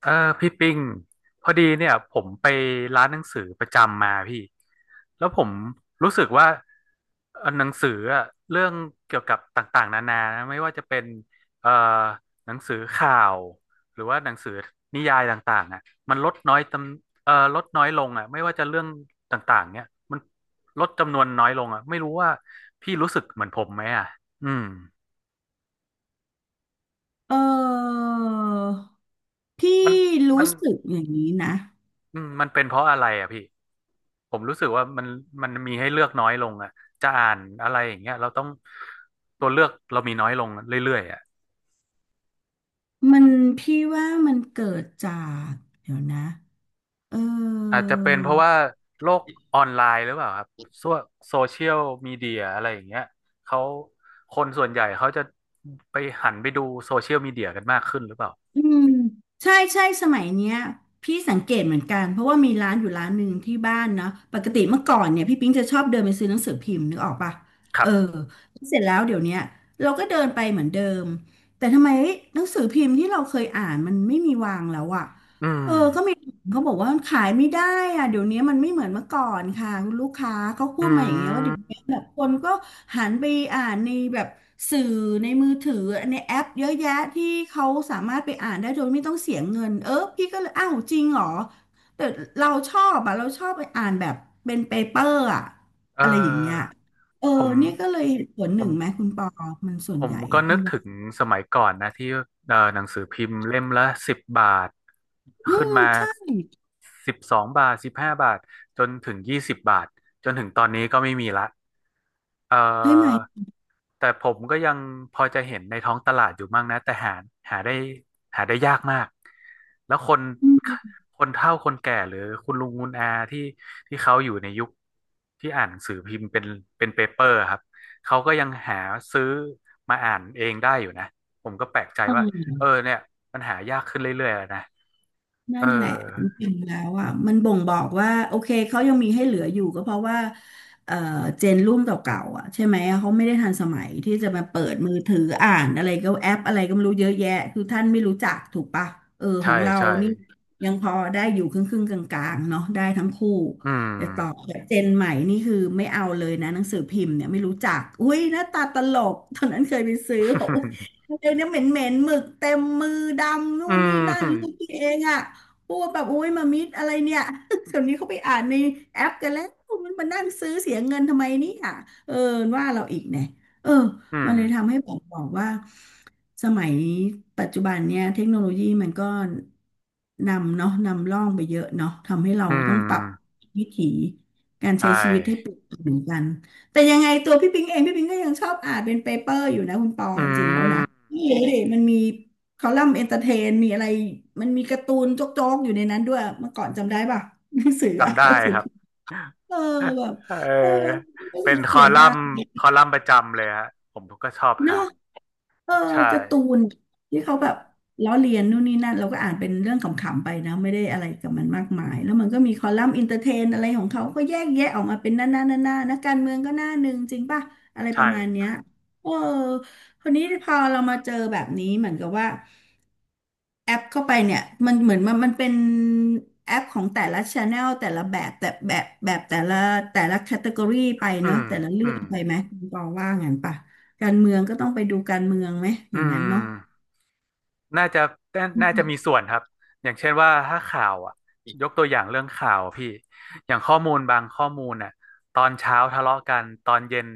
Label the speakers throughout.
Speaker 1: เออพี่ปิงพอดีเนี่ยผมไปร้านหนังสือประจำมาพี่แล้วผมรู้สึกว่าหนังสืออะเรื่องเกี่ยวกับต่างๆนานานะไม่ว่าจะเป็นเอ่อหนังสือข่าวหรือว่าหนังสือนิยายต่างๆอ่ะมันลดน้อยลงอ่ะไม่ว่าจะเรื่องต่างๆเนี่ยมันลดจำนวนน้อยลงอ่ะไม่รู้ว่าพี่รู้สึกเหมือนผมไหมอ่ะอืม
Speaker 2: เออพี่
Speaker 1: มันมั
Speaker 2: รู้
Speaker 1: น
Speaker 2: สึกอย่างนี้นะ
Speaker 1: มันเป็นเพราะอะไรอ่ะพี่ผมรู้สึกว่ามันมีให้เลือกน้อยลงอ่ะจะอ่านอะไรอย่างเงี้ยเราต้องตัวเลือกเรามีน้อยลงเรื่อยๆอ่ะ
Speaker 2: มันพี่ว่ามันเกิดจากเดี๋ยวนะเอ
Speaker 1: อาจ
Speaker 2: อ
Speaker 1: จะเป็นเพราะว่าโลกออนไลน์หรือเปล่าครับโซโซเชียลมีเดียอะไรอย่างเงี้ยเขาคนส่วนใหญ่เขาจะไปหันไปดูโซเชียลมีเดียกันมากขึ้นหรือเปล่า
Speaker 2: อืมใช่ใช่สมัยเนี้ยพี่สังเกตเหมือนกันเพราะว่ามีร้านอยู่ร้านหนึ่งที่บ้านเนาะปกติเมื่อก่อนเนี่ยพี่ปิ๊งจะชอบเดินไปซื้อหนังสือพิมพ์นึกออกปะ
Speaker 1: ค
Speaker 2: เอ
Speaker 1: รั
Speaker 2: อ
Speaker 1: บ
Speaker 2: เสร็จแล้วเดี๋ยวเนี้ยเราก็เดินไปเหมือนเดิมแต่ทำไมหนังสือพิมพ์ที่เราเคยอ่านมันไม่มีวางแล้วอะ
Speaker 1: อืม
Speaker 2: เออก็มีเขาบอกว่าขายไม่ได้อะเดี๋ยวนี้มันไม่เหมือนเมื่อก่อนค่ะคุณลูกค้าเขาพูด
Speaker 1: อื
Speaker 2: มาอย่างเงี้ยว่าเดี๋ยว
Speaker 1: ม
Speaker 2: นี้แบบคนก็หันไปอ่านในแบบสื่อในมือถือในแอปเยอะแยะที่เขาสามารถไปอ่านได้โดยไม่ต้องเสียเงินเออพี่ก็เลยอ้าวจริงเหรอแต่เราชอบอะเราชอบไปอ่านแบบเป็นเปเปอร์อะ
Speaker 1: เอ
Speaker 2: อะไรอย่างเงี้ย
Speaker 1: อ
Speaker 2: เออ
Speaker 1: ผม
Speaker 2: เนี่ยก็เลยเหตุผล
Speaker 1: ผ
Speaker 2: หนึ่งไหม
Speaker 1: ม
Speaker 2: คุณปอมันส่
Speaker 1: ผ
Speaker 2: วนให
Speaker 1: ม
Speaker 2: ญ่
Speaker 1: ก็
Speaker 2: อะ
Speaker 1: นึ
Speaker 2: พี่
Speaker 1: ก
Speaker 2: ว่า
Speaker 1: ถึงสมัยก่อนนะที่หนังสือพิมพ์เล่มละสิบบาท
Speaker 2: อื
Speaker 1: ขึ้น
Speaker 2: ม
Speaker 1: มา
Speaker 2: ใช่
Speaker 1: 12 บาท15 บาทจนถึง20 บาทจนถึงตอนนี้ก็ไม่มีละเอ่อ
Speaker 2: ใช่ไหม
Speaker 1: แต่ผมก็ยังพอจะเห็นในท้องตลาดอยู่มั่งนะแต่หาได้หาได้ยากมากแล้วคนเฒ่าคนแก่หรือคุณลุงคุณอาที่เขาอยู่ในยุคที่อ่านหนังสือพิมพ์เป็นเปเปอร์ครับเขาก็ยังหาซื้อมาอ่านเองได้อยู่นะผมก็แปลกใจว่าเออเนี่ยมันหายากขึ้นเรื่อยๆแล้วนะเอ
Speaker 2: นั่
Speaker 1: อ
Speaker 2: นแหละจริงๆแล้วอ่ะมันบ่งบอกว่าโอเคเขายังมีให้เหลืออยู่ก็เพราะว่าเอ่อเจนรุ่นเก่าๆอ่ะใช่ไหมเขาไม่ได้ทันสมัยที่จะมาเปิดมือถืออ่านอะไรก็แอปอะไรก็ไม่รู้เยอะแยะคือท่านไม่รู้จักถูกปะเออข
Speaker 1: ใช่
Speaker 2: องเรา
Speaker 1: ใช่
Speaker 2: นี่ยังพอได้อยู่ครึ่งๆกลางๆเนาะได้ทั้งคู่
Speaker 1: อืม
Speaker 2: แต่ต่อแบบเจนใหม่นี่คือไม่เอาเลยนะหนังสือพิมพ์เนี่ยไม่รู้จักอุ้ยหน้าตาตลกตอนนั้นเคยไปซื้อบอกอุ๊ย เดี๋ยวนี้เหม็นเหม็นหมึกเต็มมือดำนู่
Speaker 1: อื
Speaker 2: นนี่
Speaker 1: ม
Speaker 2: นั่น
Speaker 1: อื
Speaker 2: ลูกพี่เองอ่ะ ปูแบบโอ้ยมามิดอะไรเนี่ย เดี๋ยวนี้เขาไปอ่านในแอปกันแล้วมันมานั่งซื้อเสียเงินทำไมเนี่ยเออว่าเราอีกเนี่ยเออ
Speaker 1: ม
Speaker 2: มันเลยทำให้ผมบอกว่าสมัยปัจจุบันเนี่ยเทคโนโลยีมันก็นำเนาะนำร่องไปเยอะเนาะทำให้เรา
Speaker 1: อื
Speaker 2: ต้องปรับ
Speaker 1: ม
Speaker 2: วิถีการ
Speaker 1: ใช่
Speaker 2: ใช้ชีวิตให้เปลี่ยนไปเหมือนกันแต่ยังไงตัวพี่ปิงเองพี่ปิงก็ยังชอบอ่านเป็นเปเปอร์อยู่นะคุณปอ
Speaker 1: อื
Speaker 2: จริงๆแล้วนะ
Speaker 1: ม
Speaker 2: นี่ดูยมันมี คอลัมน์เอนเตอร์เทนมีอะไร มันมีการ์ตูนโจ๊กๆอยู่ในนั้นด้วยเมื่อก่อนจำได้ป่ะ หนังสืออะ
Speaker 1: จำ
Speaker 2: หนั
Speaker 1: ได้
Speaker 2: งสือ
Speaker 1: ครับ
Speaker 2: พิมพ์เออแบบ
Speaker 1: เ
Speaker 2: เออ
Speaker 1: ออ
Speaker 2: รู้สึ
Speaker 1: เป็
Speaker 2: ก
Speaker 1: นค
Speaker 2: เสี
Speaker 1: อ
Speaker 2: ยดา
Speaker 1: ลัมน์
Speaker 2: ย
Speaker 1: คอลัมน์ประจำเลยฮะผมก็ชอบ
Speaker 2: เนาะ
Speaker 1: อ่าน
Speaker 2: เออ
Speaker 1: ใช่
Speaker 2: การ์ตูนที่เขาแบบล้อเลียนนู่นนี่นั่นเราก็อ่านเป็นเรื่องขำๆไปนะไม่ได้อะไรกับมันมากมายแล้วมันก็มีคอลัมน์อินเตอร์เทนอะไรของเขา ก็แยกแยะออกมาเป็นหน้าหน้าหน้าหน้านักการเมืองก็หน้าหนึ่งจริงป่ะอะไรป
Speaker 1: ใช่
Speaker 2: ระมาณเนี้ยเออคนนี้พอเรามาเจอแบบนี้เหมือนกับว่า แอปเข้าไปเนี่ยมันเหมือนมันเป็นแอปของแต่ละช n แนลแต่ละแบบแต่แบบแบบแต่ละแต่ละแคตตากรีไป
Speaker 1: อื
Speaker 2: เนอะ
Speaker 1: ม
Speaker 2: แต่ละ
Speaker 1: อื
Speaker 2: เรื่อง
Speaker 1: ม
Speaker 2: ไปไหมคุณปอว่างั้นป่ะการเมืองก็ต้องไปดูการเมืองไหมอ
Speaker 1: อื
Speaker 2: ย่างนั้นเนาะ
Speaker 1: มน่าจะน่าจะมีส่วนครับ อย่างเช่นว่าถ้าข่าวอ่ะยกตัวอย่างเรื่องข่าวพี่ อย่างข้อมูลบางข้อมูลน่ะตอนเช้าทะเลาะกันตอนเย็น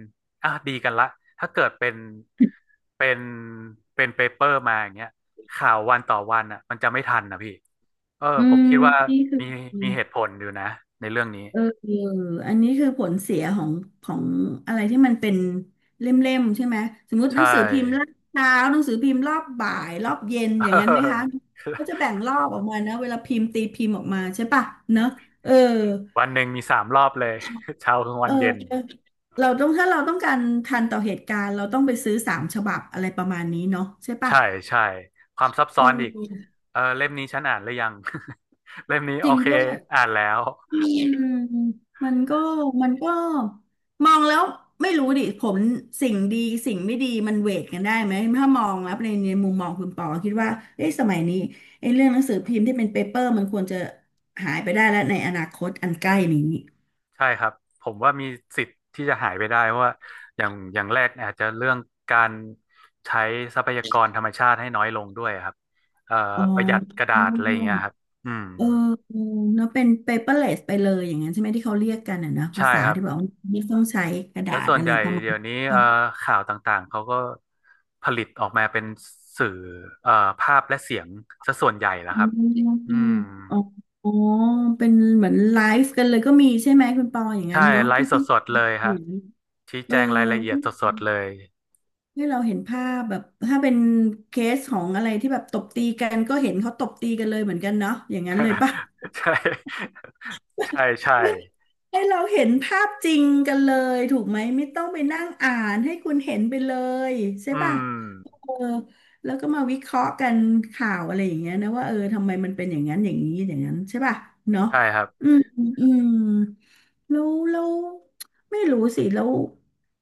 Speaker 1: อ่ะดีกันละถ้าเกิดเป็นเป็นเปเปอร์มาอย่างเงี้ยข่าววันต่อวันอ่ะมันจะไม่ทันนะพี่ เออ
Speaker 2: อื
Speaker 1: ผม
Speaker 2: ม
Speaker 1: คิดว่า
Speaker 2: นี่คือ
Speaker 1: มีมีเหตุผลอยู่นะในเรื่องนี้
Speaker 2: เออเอออันนี้คือผลเสียของของอะไรที่มันเป็นเล่มๆใช่ไหมสมมติหนั
Speaker 1: ใช่
Speaker 2: งสือพิมพ์รอบเช้าหนังสือพิมพ์รอบบ่ายรอบเย็นอย่างนั้นไหมคะก็จะแบ่ งรอบออกมานะเวลาพิมพ์ตีพิมพ์ออกมาใช่ปะเนอะเออ
Speaker 1: วันหนึ่งมี3 รอบเลย เช้ากลางวั
Speaker 2: เอ
Speaker 1: นเย็น
Speaker 2: อเราต้องถ้าเราต้องการทันต่อเหตุการณ์เราต้องไปซื้อสามฉบับอะไรประมาณนี้เนาะใช่ปะ
Speaker 1: ใช่ใช่ความซับ
Speaker 2: เ
Speaker 1: ซ้อนอีก
Speaker 2: ออ
Speaker 1: เออเล่มนี้ฉันอ่านหรือยัง เล่มนี้
Speaker 2: จ
Speaker 1: โอ
Speaker 2: ริง
Speaker 1: เค
Speaker 2: ด้วย
Speaker 1: อ่านแล้ว
Speaker 2: อืมมันก็มันก็มองแล้วไม่รู้ดิผมสิ่งดีสิ่งไม่ดีมันเวทกันได้ไหมถ้ามองแล้วในมุมมองคุณปอคิดว่าเอ้สมัยนี้ไอ้เรื่องหนังสือพิมพ์ที่เป็นเปเปอร์มันควรจะหายไปได้แล้วในอนาคตอันใกล้นี้
Speaker 1: ใช่ครับผมว่ามีสิทธิ์ที่จะหายไปได้เพราะว่าอย่างแรกอาจจะเรื่องการใช้ทรัพยากรธรรมชาติให้น้อยลงด้วยครับเอ่อ
Speaker 2: อ๋
Speaker 1: ประหยัดก
Speaker 2: อ
Speaker 1: ระดาษอะไรอย่างเงี้ยครับอืม
Speaker 2: เออเนาะเป็น paperless ไปเลยอย่างนั้นใช่ไหมที่เขาเรียกกันอ่ะนะภา
Speaker 1: ใช่
Speaker 2: ษา
Speaker 1: ครับ
Speaker 2: ที่แบบว่าไม่ต้องใช้กระดา
Speaker 1: แล้ว
Speaker 2: ษ
Speaker 1: ส่วน
Speaker 2: อะ
Speaker 1: ให
Speaker 2: ไร
Speaker 1: ญ่
Speaker 2: ประมา
Speaker 1: เดี๋
Speaker 2: ณ
Speaker 1: ยวนี้
Speaker 2: อ๋อ
Speaker 1: ข่าวต่างๆเขาก็ผลิตออกมาเป็นสื่อเอ่อภาพและเสียงซะส่วนใหญ่แล้ว
Speaker 2: อื
Speaker 1: ครั
Speaker 2: ม
Speaker 1: บอื
Speaker 2: อืม
Speaker 1: ม
Speaker 2: อ๋ออ๋อเป็นเหมือนไลฟ์กันเลยก็มีใช่ไหมคุณปออย่าง
Speaker 1: ใช่
Speaker 2: นั้นเนาะ
Speaker 1: ไล
Speaker 2: ที่
Speaker 1: ฟ์
Speaker 2: พี่
Speaker 1: สดๆเลย
Speaker 2: อ
Speaker 1: ฮะ
Speaker 2: ยู่
Speaker 1: ชี้
Speaker 2: เอ
Speaker 1: แจ
Speaker 2: อ
Speaker 1: งรายละเอียดสดๆเลย
Speaker 2: ให้เราเห็นภาพแบบถ้าเป็นเคสของอะไรที่แบบตบตีกันก็เห็นเขาตบตีกันเลยเหมือนกันเนาะอย่างนั้นเลยปะ
Speaker 1: ใช่ ใช่ใช่
Speaker 2: ไม่ ให้เราเห็นภาพจริงกันเลยถูกไหมไม่ต้องไปนั่งอ่านให้คุณเห็นไปเลยใช่
Speaker 1: อื
Speaker 2: ปะ
Speaker 1: ม
Speaker 2: เออแล้วก็มาวิเคราะห์กันข่าวอะไรอย่างเงี้ยนะว่าทำไมมันเป็นอย่างนั้นอย่างนี้อย่างนั้นใช่ป่ะเนาะ
Speaker 1: ใช่ครับ
Speaker 2: อืมอืมแล้วไม่รู้สิแล้ว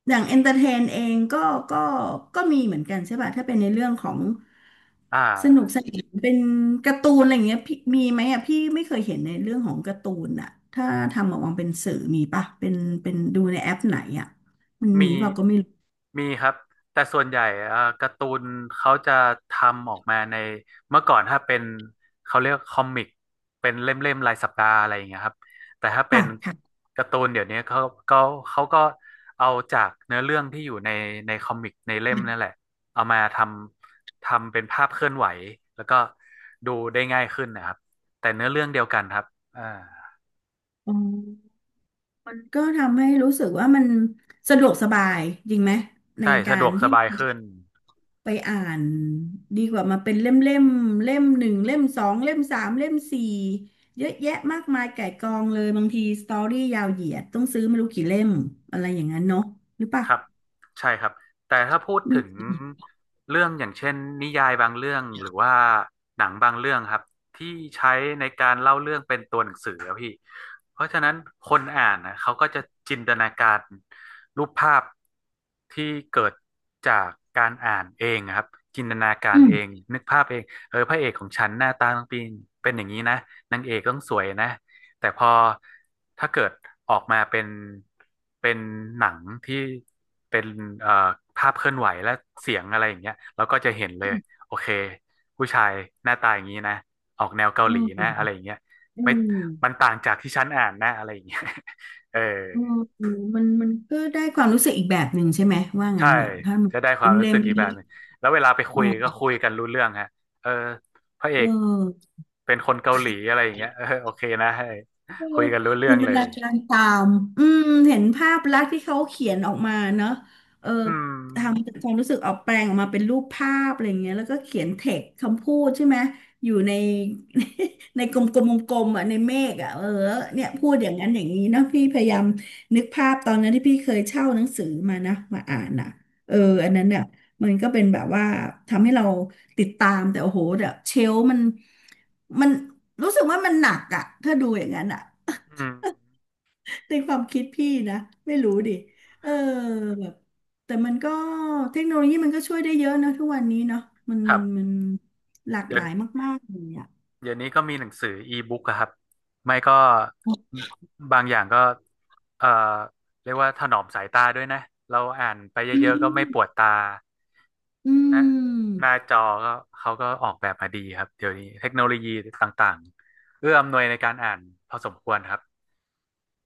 Speaker 2: อย่างเอนเตอร์เทนเองก็ก็มีเหมือนกันใช่ป่ะถ้าเป็นในเรื่องของ
Speaker 1: อ่
Speaker 2: สนุกส
Speaker 1: า
Speaker 2: นานเป็นการ์ตูนอะไรอย่างเงี้ยพี่มีไหมอ่ะพี่ไม่เคยเห็นในเรื่องของการ์ตูนอ่ะถ้าทำออกมาเป็นสื่อมีป่ะเป็นดูในแอปไหนอ่ะมันมี
Speaker 1: มี
Speaker 2: เปล่าก็ไม่รู้
Speaker 1: มีครับแต่ส่วนใหญ่การ์ตูนเขาจะทำออกมาในเมื่อก่อนถ้าเป็นเขาเรียกคอมิกเป็นเล่มๆรายสัปดาห์อะไรอย่างเงี้ยครับแต่ถ้าเป็
Speaker 2: ค่ะ
Speaker 1: น
Speaker 2: ค่
Speaker 1: การ์ตูนเดี๋ยวนี้ก็เขาก็เอาจากเนื้อเรื่องที่อยู่ในคอมิกในเล่มนั่นแหละเอามาทำเป็นภาพเคลื่อนไหวแล้วก็ดูได้ง่ายขึ้นนะครับแต่เนื้อเรื่องเดียวกันครับอ่า
Speaker 2: ะ มันก็ทำให้รู้สึกว่ามันสะดวกสบายจริงไหมใน
Speaker 1: ใช่
Speaker 2: กา
Speaker 1: สะด
Speaker 2: ร
Speaker 1: วกส
Speaker 2: ที่
Speaker 1: บายขึ้น
Speaker 2: ไปอ่านดีกว่ามาเป็นเล่มเล่มเล่มหนึ่งเล่มสองเล่มสามเล่มสี่เยอะแยะมากมายไก่ายกองเลยบางทีสตอรี่ยาวเหยียดต้องซื้อไม่รู้กี่เล่มอะไรอย่างนั้นเนาะหรือเปะ
Speaker 1: ครับใช่ครับแต่ถ้าพูด
Speaker 2: อื
Speaker 1: ถึง
Speaker 2: ม
Speaker 1: เรื่องอย่างเช่นนิยายบางเรื่องหรือว่าหนังบางเรื่องครับที่ใช้ในการเล่าเรื่องเป็นตัวหนังสือครับพี่เพราะฉะนั้นคนอ่านนะเขาก็จะจินตนาการรูปภาพที่เกิดจากการอ่านเองครับจินตนาการ
Speaker 2: อืม
Speaker 1: เองนึกภาพเองเออพระเอกของฉันหน้าตาต้องเป็นอย่างนี้นะนางเอกต้องสวยนะ แต่พอถ้าเกิดออกมาเป็นหนังที่เป็นเอ่อภาพเคลื่อนไหวและเสียงอะไรอย่างเงี้ยเราก็จะเห็นเลยโอเคผู้ชายหน้าตาอย่างนี้นะออกแนวเกา
Speaker 2: อื
Speaker 1: หลี
Speaker 2: ม
Speaker 1: นะอะไรอย่างเงี้ย
Speaker 2: อ
Speaker 1: ไม่มั
Speaker 2: ื
Speaker 1: นต่างจากที่ฉันอ่านนะอะไรอย่างเงี้ย เออ
Speaker 2: มอืมมันก็ได้ความรู้สึกอีกแบบหนึ่งใช่ไหมว่างั้
Speaker 1: ใช่
Speaker 2: นเหรอถ้ามัน
Speaker 1: จะได้ควา
Speaker 2: เล่
Speaker 1: ม
Speaker 2: ม
Speaker 1: รู้
Speaker 2: เล่
Speaker 1: สึ
Speaker 2: ม
Speaker 1: กอีก
Speaker 2: นี้
Speaker 1: แบบหนึงแล้วเวลาไป
Speaker 2: เอ
Speaker 1: คุยก็
Speaker 2: อ
Speaker 1: คุยกันรู้เรื่องฮะเออพระเอ
Speaker 2: เ
Speaker 1: ก
Speaker 2: ออ
Speaker 1: เป็นคนเกาหลีอะไรอย่างเงี้ยเออโอเคนะให้
Speaker 2: เออ
Speaker 1: คุยกันรู้เรื่
Speaker 2: จิ
Speaker 1: อง
Speaker 2: นต
Speaker 1: เล
Speaker 2: นา
Speaker 1: ย
Speaker 2: การตามอืมเห็นภาพลักษณ์ที่เขาเขียนออกมาเนอะเออ
Speaker 1: อื
Speaker 2: ทำจาก
Speaker 1: ม
Speaker 2: ความรู้สึกออกแปลงออกมาเป็นรูปภาพอะไรอย่างเงี้ยแล้วก็เขียนเทคคำพูดใช่ไหมอยู่ใน ในกลมๆกลมๆอ่ะในเมฆอ่ะเออเนี่ยพูดอย่างนั้นอย่างนี้เนอะพี่พยายามนึกภาพตอนนั้นที่พี่เคยเช่าหนังสือมานะมาอ่านอ่ะเอออันนั้นเนี่ยมันก็เป็นแบบว่าทำให้เราติดตามแต่โอ้โหแบบเชลฟ์มันรู้สึกว่ามันหนักอ่ะถ้าดูอย่างนั้นอ่ะ
Speaker 1: อืม
Speaker 2: ในความคิดพี่นะไม่รู้ดิเออแบบแต่มันก็เทคโนโลยีมันก็ช่วยได้เยอะนะทุกวันนี้เนาะมัน
Speaker 1: ครั
Speaker 2: มั
Speaker 1: บ
Speaker 2: นมันหลาก
Speaker 1: เดี๋
Speaker 2: ห
Speaker 1: ยว
Speaker 2: ลายมากๆเลยอ่ะ
Speaker 1: เดี๋ยวนี้ก็มีหนังสืออีบุ๊กครับไม่ก็บบางอย่างก็เอ่อเรียกว่าถนอมสายตาด้วยนะเราอ่านไป
Speaker 2: อื
Speaker 1: เยอะๆก็
Speaker 2: ม
Speaker 1: ไม่ปวดตา
Speaker 2: อื
Speaker 1: นะห
Speaker 2: ม
Speaker 1: น้าจอก็เขาก็ออกแบบมาดีครับเดี๋ยวนี้เทคโนโลยีต่างๆเอื้ออำนวยในการอ่านพอสมควรครับ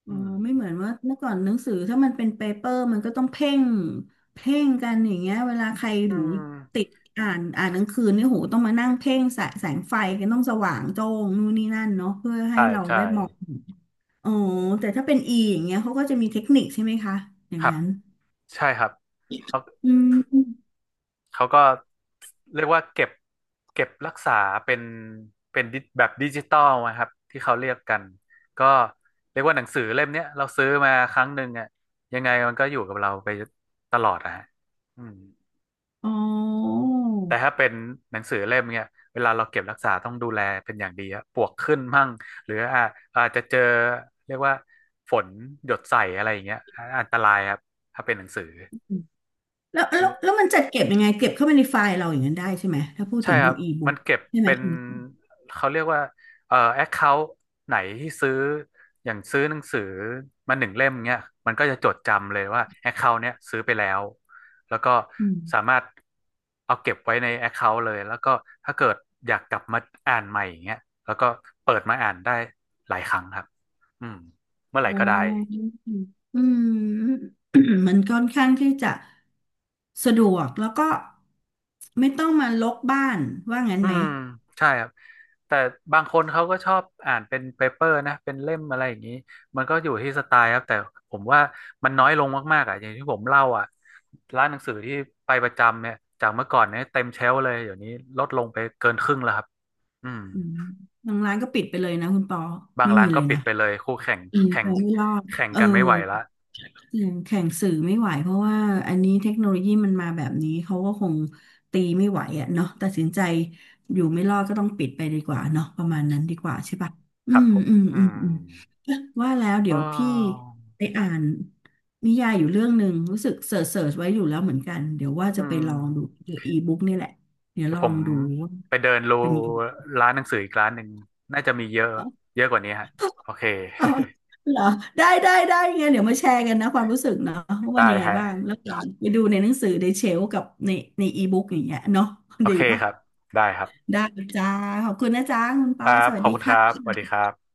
Speaker 2: อ๋อ
Speaker 1: อืม
Speaker 2: ไม่เหมือนว่าเมื่อก่อนหนังสือถ้ามันเป็นเปเปอร์มันก็ต้องเพ่งกันอย่างเงี้ยเวลาใคร
Speaker 1: อื
Speaker 2: ดูติ
Speaker 1: ม
Speaker 2: ดอ่านหนังสือเนี่ยโหต้องมานั่งเพ่งแสงไฟกันต้องสว่างโจ้งนู่นนี่นั่นเนาะเพื่อให้
Speaker 1: ใช่
Speaker 2: เรา
Speaker 1: ใช่
Speaker 2: ได้มองอ๋อแต่ถ้าเป็นอีอย่างเงี้ยเขาก็จะมีเทคนิคใช่ไหมคะอย่า
Speaker 1: ค
Speaker 2: ง
Speaker 1: รับ
Speaker 2: นั้น
Speaker 1: ใช่ครับเขา
Speaker 2: อืม
Speaker 1: เขาก็เรียกว่าเก็บรักษาเป็นเป็นดิแบบดิจิตอลนะครับที่เขาเรียกกันก็เรียกว่าหนังสือเล่มเนี้ยเราซื้อมาครั้งหนึ่งอ่ะยังไงมันก็อยู่กับเราไปตลอดอะฮะอืม
Speaker 2: อ๋อ
Speaker 1: แต่ถ้าเป็นหนังสือเล่มเนี้ยเวลาเราเก็บรักษาต้องดูแลเป็นอย่างดีอะปลวกขึ้นมั่งหรืออาจจะเจอเรียกว่าฝนหยดใส่อะไรอย่างเงี้ยอันตรายครับถ้าเป็นหนังสือ
Speaker 2: แล้วมันจัดเก็บยังไงเก็บเข้าไปในไฟล์เราอย่างนั้นได้ใช่ไหมถ้าพูด
Speaker 1: ใช่
Speaker 2: ถึง
Speaker 1: ค
Speaker 2: เป็
Speaker 1: รั
Speaker 2: น
Speaker 1: บ
Speaker 2: อี
Speaker 1: มั
Speaker 2: บุ๊
Speaker 1: น
Speaker 2: ก
Speaker 1: เก็บ
Speaker 2: ใช่ไหม
Speaker 1: เป็น
Speaker 2: อืม
Speaker 1: เขาเรียกว่าแอคเคาท์ไหนที่ซื้ออย่างซื้อหนังสือมาหนึ่งเล่มเนี้ยมันก็จะจดจำเลยว่าแอคเคาท์เนี้ยซื้อไปแล้วแล้วก็
Speaker 2: อื
Speaker 1: สา
Speaker 2: ม
Speaker 1: มารถเอาเก็บไว้ในแอคเคาท์เลยแล้วก็ถ้าเกิดอยากกลับมาอ่านใหม่อย่างเงี้ยแล้วก็เปิดมาอ่านได้หลายครั้งครับอืมเมื่อไหร่
Speaker 2: อ๋อ
Speaker 1: ก็ได้
Speaker 2: อืม มันค่อนข้างที่จะสะดวกแล้วก็ไม่ต้องมาลกบ้านว่างั้น
Speaker 1: อื
Speaker 2: ไหม
Speaker 1: มใช่ครับแต่บางคนเขาก็ชอบอ่านเป็นเปเปอร์นะเป็นเล่มอะไรอย่างนี้มันก็อยู่ที่สไตล์ครับแต่ผมว่ามันน้อยลงมากๆอ่ะอย่างที่ผมเล่าอ่ะร้านหนังสือที่ไปประจำเนี่ยจากเมื่อก่อนเนี่ยเต็มเชลฟ์เลยเดี๋ยวนี้ลดลงไปเกินครึ่งแล้วครับอืม
Speaker 2: อืมทางร้านก็ปิดไปเลยนะคุณปอ
Speaker 1: บาง
Speaker 2: ไม่
Speaker 1: ร้า
Speaker 2: มี
Speaker 1: น
Speaker 2: เล
Speaker 1: ก็
Speaker 2: ย
Speaker 1: ปิด
Speaker 2: นะ
Speaker 1: ไปเลยคู่แข่ง
Speaker 2: อืม
Speaker 1: แข่
Speaker 2: ไป
Speaker 1: ง
Speaker 2: ไม่รอด
Speaker 1: แข่ง
Speaker 2: เออ
Speaker 1: กันไม่ไหวละ
Speaker 2: เสียงแข่งสื่อไม่ไหวเพราะว่าอันนี้เทคโนโลยีมันมาแบบนี้เขาก็คงตีไม่ไหวอ่ะเนาะตัดสินใจอยู่ไม่รอดก็ต้องปิดไปดีกว่าเนาะประมาณนั้นดีกว่าใช่ปะ
Speaker 1: ค
Speaker 2: อื
Speaker 1: รับ
Speaker 2: ม
Speaker 1: ผม
Speaker 2: อืม
Speaker 1: อื
Speaker 2: อืม
Speaker 1: ม
Speaker 2: อืมว่าแล้ว
Speaker 1: อ๋
Speaker 2: เดี๋ยวพี่
Speaker 1: อ
Speaker 2: ไปอ่านนิยายอยู่เรื่องหนึ่งรู้สึกเสิร์ชไว้อยู่แล้วเหมือนกันเดี๋ยวว่า
Speaker 1: อื
Speaker 2: จะไป
Speaker 1: ม
Speaker 2: ลองดูเกี่ยวอีบุ๊กนี่แหละเดี๋ยว
Speaker 1: เดี๋ย
Speaker 2: ล
Speaker 1: ว
Speaker 2: อ
Speaker 1: ผม
Speaker 2: งดูว่า
Speaker 1: ไปเดิน
Speaker 2: เป็นยังไง
Speaker 1: ร้านหนังสืออีกร้านหนึ่งน่าจะมีเยอะเยอะกว่านี้ฮะโอเค
Speaker 2: อ๋อเหรอได้ได้ได้ไงนเดี๋ยวมาแชร์กันนะความรู้สึกเนาะว่า มัน
Speaker 1: ได้
Speaker 2: ยังไงบ้าง
Speaker 1: ฮะ
Speaker 2: แล้วก็ไปดูในหนังสือในเชลฟ์กับในในอีบุ๊กอย่างเงี้ยเนาะ
Speaker 1: โอ
Speaker 2: ดี
Speaker 1: เค
Speaker 2: ป่ะ
Speaker 1: ครับได้ครับ
Speaker 2: ได้จ้าขอบคุณนะจ้าคุณป
Speaker 1: ค
Speaker 2: อ
Speaker 1: รับ
Speaker 2: สวั
Speaker 1: ข
Speaker 2: ส
Speaker 1: อบ
Speaker 2: ดี
Speaker 1: คุณครับ
Speaker 2: ค่ะ
Speaker 1: สวัสดีครับ